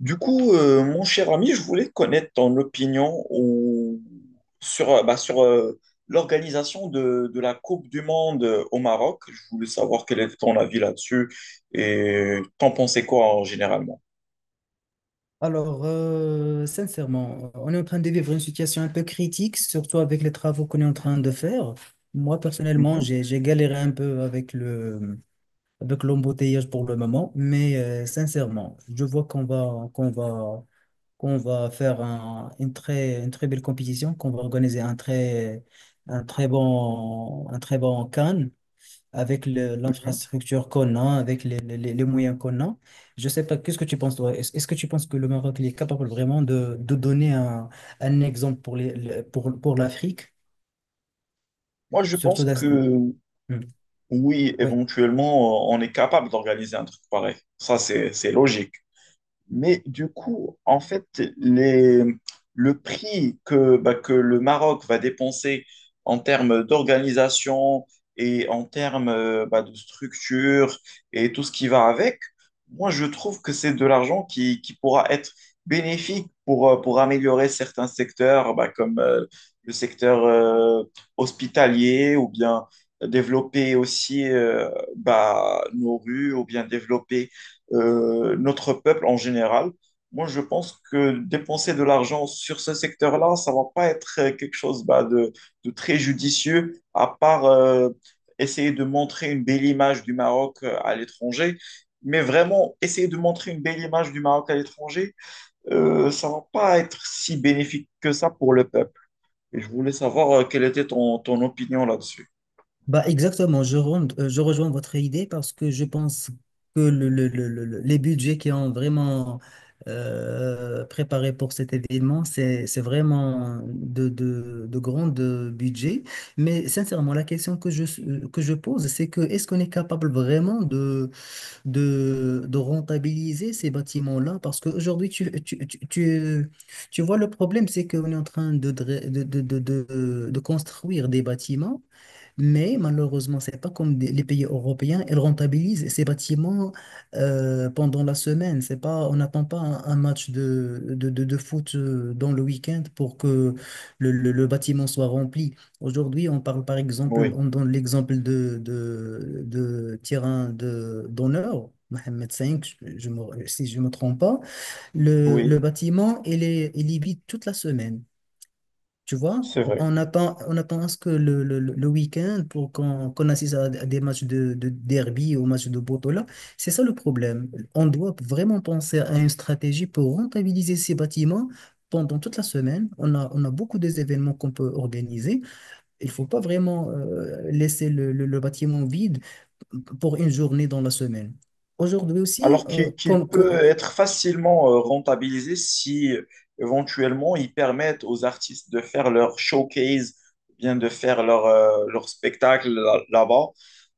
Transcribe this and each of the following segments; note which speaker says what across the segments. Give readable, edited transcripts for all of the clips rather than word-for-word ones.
Speaker 1: Du coup, mon cher ami, je voulais connaître ton opinion sur l'organisation de la Coupe du Monde au Maroc. Je voulais savoir quel est ton avis là-dessus et t'en pensais quoi généralement?
Speaker 2: Alors, sincèrement, on est en train de vivre une situation un peu critique, surtout avec les travaux qu'on est en train de faire. Moi, personnellement,
Speaker 1: Mhm,
Speaker 2: j'ai galéré un peu avec l'embouteillage pour le moment, mais sincèrement, je vois qu'on va faire une très belle compétition, qu'on va organiser un très bon Cannes avec
Speaker 1: mhm.
Speaker 2: l'infrastructure qu'on a, avec les moyens qu'on a. Je sais pas, qu'est-ce que tu penses, toi? Est-ce que tu penses que le Maroc il est capable vraiment de donner un exemple pour les, le- pour l'Afrique,
Speaker 1: Moi, je pense
Speaker 2: surtout dans.
Speaker 1: que
Speaker 2: Hmm.
Speaker 1: oui,
Speaker 2: Oui.
Speaker 1: éventuellement, on est capable d'organiser un truc pareil. Ça, c'est logique. Mais du coup, en fait, les, le prix que, bah, que le Maroc va dépenser en termes d'organisation et en termes de structure et tout ce qui va avec, moi, je trouve que c'est de l'argent qui pourra être bénéfique pour améliorer certains secteurs, bah, comme le secteur hospitalier ou bien développer aussi nos rues ou bien développer notre peuple en général. Moi, je pense que dépenser de l'argent sur ce secteur-là, ça va pas être quelque chose de très judicieux, à part essayer de montrer une belle image du Maroc à l'étranger. Mais vraiment, essayer de montrer une belle image du Maroc à l'étranger, ça va pas être si bénéfique que ça pour le peuple. Et je voulais savoir quelle était ton opinion là-dessus.
Speaker 2: Bah exactement, je rejoins votre idée parce que je pense que les budgets qui ont vraiment préparé pour cet événement, c'est vraiment de grands budgets. Mais sincèrement, la question que je pose, c'est que est-ce qu'on est capable vraiment de rentabiliser ces bâtiments-là? Parce qu'aujourd'hui, tu vois, le problème, c'est qu'on est en train de, dra- de construire des bâtiments. Mais malheureusement, c'est pas comme les pays européens, ils rentabilisent ces bâtiments pendant la semaine. C'est pas, on n'attend pas un match de foot dans le week-end pour que le bâtiment soit rempli. Aujourd'hui, on parle par exemple,
Speaker 1: Oui,
Speaker 2: on donne l'exemple de terrain d'honneur. Mohamed V, si je ne me trompe pas, le
Speaker 1: oui,
Speaker 2: bâtiment, il est vide toute la semaine. Tu vois,
Speaker 1: c'est vrai.
Speaker 2: on attend à ce que le week-end pour qu'on assiste à des matchs de derby ou matchs de Botola. C'est ça le problème. On doit vraiment penser à une stratégie pour rentabiliser ces bâtiments pendant toute la semaine. On a beaucoup des événements qu'on peut organiser. Il faut pas vraiment laisser le bâtiment vide pour une journée dans la semaine. Aujourd'hui aussi,
Speaker 1: Alors qu'il
Speaker 2: comme,
Speaker 1: peut
Speaker 2: co-.
Speaker 1: être facilement rentabilisé si éventuellement ils permettent aux artistes de faire leur showcase, bien de faire leur, leur spectacle là-bas,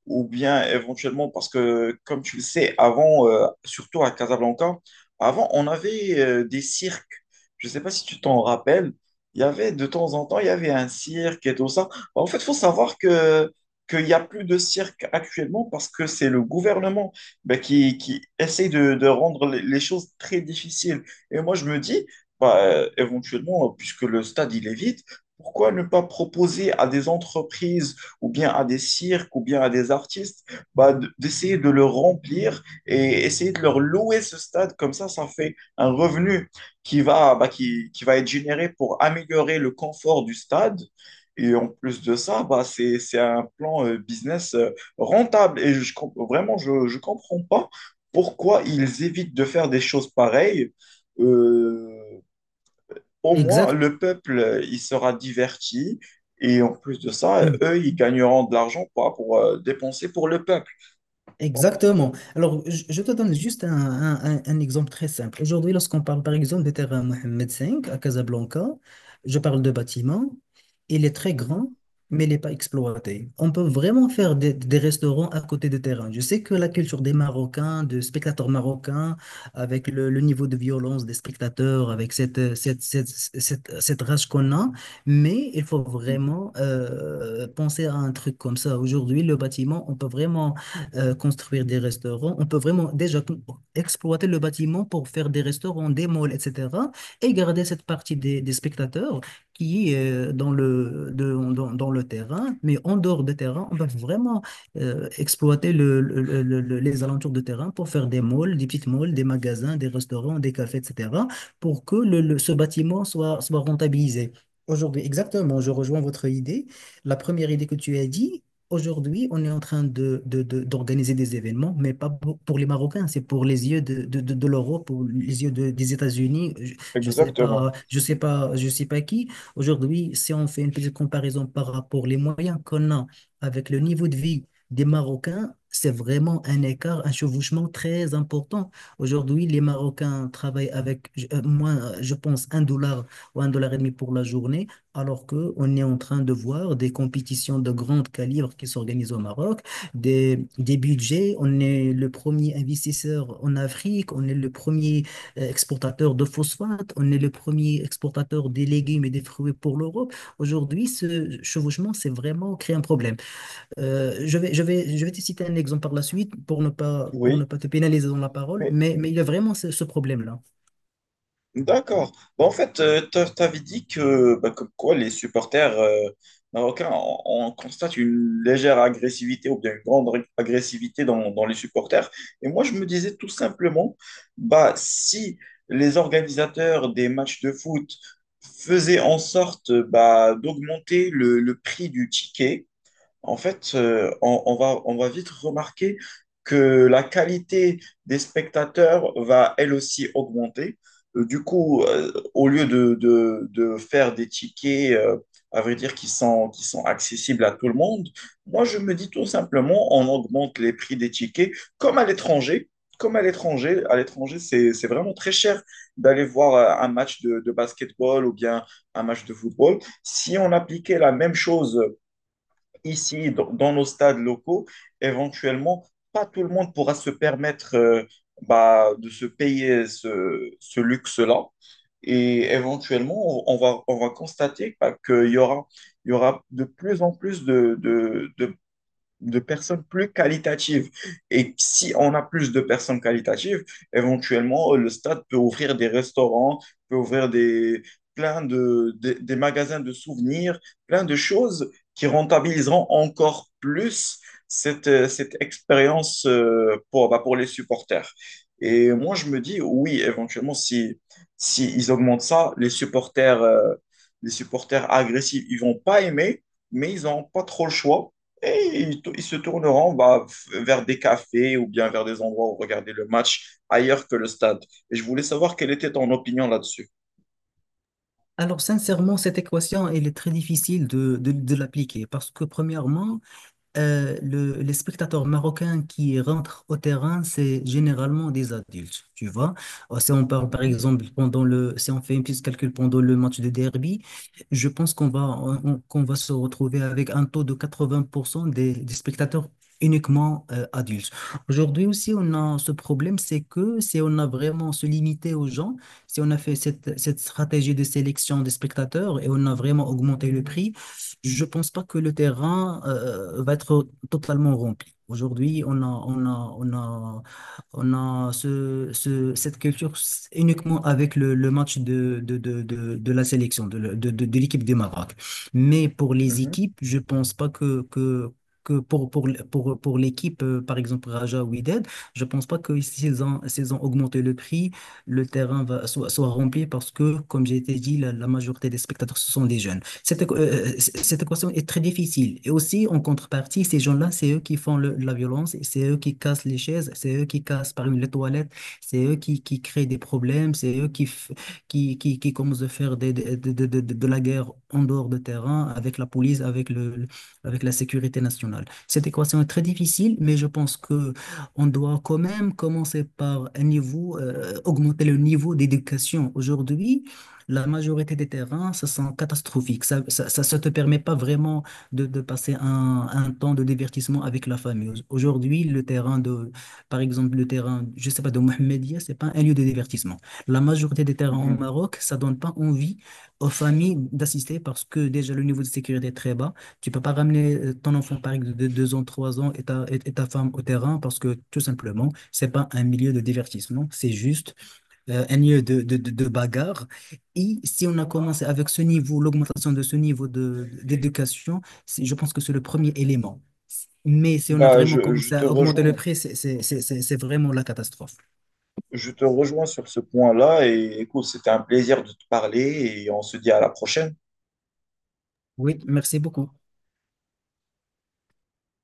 Speaker 1: ou bien éventuellement, parce que comme tu le sais, avant, surtout à Casablanca, avant on avait des cirques. Je ne sais pas si tu t'en rappelles, il y avait de temps en temps, il y avait un cirque et tout ça. En fait, il faut savoir que qu'il n'y a plus de cirque actuellement parce que c'est le gouvernement bah, qui essaye de rendre les choses très difficiles. Et moi, je me dis, éventuellement, puisque le stade, il est vide, pourquoi ne pas proposer à des entreprises ou bien à des cirques ou bien à des artistes bah, d'essayer de le remplir et essayer de leur louer ce stade? Comme ça fait un revenu qui va, bah, qui va être généré pour améliorer le confort du stade. Et en plus de ça, bah, c'est un plan business rentable. Et vraiment, je ne comprends pas pourquoi ils évitent de faire des choses pareilles. Euh, Au moins,
Speaker 2: Exact.
Speaker 1: le peuple, il sera diverti. Et en plus de ça,
Speaker 2: Hmm.
Speaker 1: eux, ils gagneront de l'argent pas pour dépenser pour le peuple. T'en penses-
Speaker 2: Exactement. Alors, je te donne juste un exemple très simple. Aujourd'hui, lorsqu'on parle par exemple de terrain Mohamed V à Casablanca, je parle de bâtiment. Il est très
Speaker 1: Mhm,
Speaker 2: grand, mais il n'est pas exploité. On peut vraiment faire des restaurants à côté de terrain. Je sais que la culture des Marocains, de spectateurs marocains, avec le niveau de violence des spectateurs, avec cette rage qu'on a, mais il faut
Speaker 1: mhm.
Speaker 2: vraiment penser à un truc comme ça. Aujourd'hui, le bâtiment, on peut vraiment construire des restaurants. On peut vraiment déjà exploiter le bâtiment pour faire des restaurants, des malls, etc. Et garder cette partie des spectateurs qui est dans le terrain. Mais en dehors du terrain, on peut vraiment exploiter les alentours de terrain pour faire des malls, des petites malls, des magasins, des restaurants, des cafés, etc. pour que ce bâtiment soit rentabilisé. Aujourd'hui, exactement, je rejoins votre idée. La première idée que tu as dit. Aujourd'hui, on est en train d'organiser des événements, mais pas pour les Marocains, c'est pour les yeux de l'Europe ou les yeux des États-Unis. Je sais
Speaker 1: Exactement.
Speaker 2: pas, je sais pas, je sais pas qui. Aujourd'hui, si on fait une petite comparaison par rapport les moyens qu'on a avec le niveau de vie des Marocains, c'est vraiment un écart, un chevauchement très important. Aujourd'hui, les Marocains travaillent avec moins, je pense, un dollar ou un dollar et demi pour la journée. Alors que on est en train de voir des compétitions de grand calibre qui s'organisent au Maroc, des budgets. On est le premier investisseur en Afrique, on est le premier exportateur de phosphate, on est le premier exportateur des légumes et des fruits pour l'Europe. Aujourd'hui, ce chevauchement, c'est vraiment créé un problème. Je je vais te citer un exemple par la suite pour ne
Speaker 1: Oui,
Speaker 2: pas te pénaliser dans la parole,
Speaker 1: mais
Speaker 2: mais il y a vraiment ce problème-là.
Speaker 1: d'accord. Bah, en fait, t'avais dit que, bah, comme quoi les supporters marocains, on constate une légère agressivité ou bien une agressivité dans les supporters. Et moi, je me disais tout simplement, bah, si les organisateurs des matchs de foot faisaient en sorte d'augmenter le prix du ticket, en fait, on va vite remarquer que la qualité des spectateurs va elle aussi augmenter. Du coup, au lieu de, de faire des tickets, à vrai dire, qui sont accessibles à tout le monde, moi, je me dis tout simplement, on augmente les prix des tickets comme à l'étranger. À l'étranger, c'est vraiment très cher d'aller voir un match de basketball ou bien un match de football. Si on appliquait la même chose ici, dans nos stades locaux, éventuellement, pas tout le monde pourra se permettre de se payer ce luxe-là. Et éventuellement, on va constater bah, il y aura de plus en plus de personnes plus qualitatives. Et si on a plus de personnes qualitatives, éventuellement, le stade peut ouvrir des restaurants, peut ouvrir des, plein de, des magasins de souvenirs, plein de choses qui rentabiliseront encore plus cette, cette expérience pour les supporters. Et moi, je me dis, oui, éventuellement, si, si ils augmentent ça, les supporters agressifs, ils vont pas aimer, mais ils n'ont pas trop le choix et ils se tourneront vers des cafés ou bien vers des endroits où regarder le match ailleurs que le stade. Et je voulais savoir quelle était ton opinion là-dessus.
Speaker 2: Alors, sincèrement, cette équation, elle est très difficile de l'appliquer parce que, premièrement, les spectateurs marocains qui rentrent au terrain, c'est généralement des adultes, tu vois. Si on parle par
Speaker 1: Mhm,
Speaker 2: exemple si on fait un petit calcul pendant le match de derby, je pense qu'on va se retrouver avec un taux de 80% des spectateurs uniquement adultes. Aujourd'hui aussi, on a ce problème, c'est que si on a vraiment se limité aux gens, si on a fait cette stratégie de sélection des spectateurs et on a vraiment augmenté le prix, je pense pas que le terrain va être totalement rempli. Aujourd'hui, on a cette culture uniquement avec le match de la sélection, de l'équipe du Maroc. Mais pour les
Speaker 1: mhm,
Speaker 2: équipes, je pense pas que, que pour l'équipe, par exemple Raja ou Wydad, je pense pas que s'ils ont augmenté le prix, le terrain soit rempli parce que, comme j'ai été dit, la majorité des spectateurs, ce sont des jeunes. Cette équation est très difficile. Et aussi, en contrepartie, ces gens-là, c'est eux qui font la violence, c'est eux qui cassent les chaises, c'est eux qui cassent par exemple les toilettes, c'est eux qui créent des problèmes, c'est eux qui, f- qui commencent à faire de la guerre en dehors de terrain avec la police, avec avec la sécurité nationale. Cette équation est très difficile, mais je pense que on doit quand même commencer par un niveau, augmenter le niveau d'éducation. Aujourd'hui, la majorité des terrains, ça sent catastrophique. Ça te permet pas vraiment de passer un temps de divertissement avec la famille. Aujourd'hui, par exemple, le terrain, je sais pas, de Mohamedia, c'est pas un lieu de divertissement. La majorité des terrains au
Speaker 1: mhm.
Speaker 2: Maroc, ça donne pas envie aux familles d'assister parce que déjà le niveau de sécurité est très bas. Tu peux pas ramener ton enfant, par exemple, de deux ans, trois ans et ta femme au terrain parce que tout simplement, c'est pas un milieu de divertissement. C'est juste un lieu de bagarre. Et si on a commencé avec ce niveau, l'augmentation de ce niveau d'éducation, je pense que c'est le premier élément. Mais si on a
Speaker 1: Bah,
Speaker 2: vraiment
Speaker 1: je, je
Speaker 2: commencé
Speaker 1: te
Speaker 2: à augmenter le
Speaker 1: rejoins.
Speaker 2: prix, c'est vraiment la catastrophe.
Speaker 1: Je te rejoins sur ce point-là. Et écoute, c'était un plaisir de te parler et on se dit à la prochaine.
Speaker 2: Oui, merci beaucoup.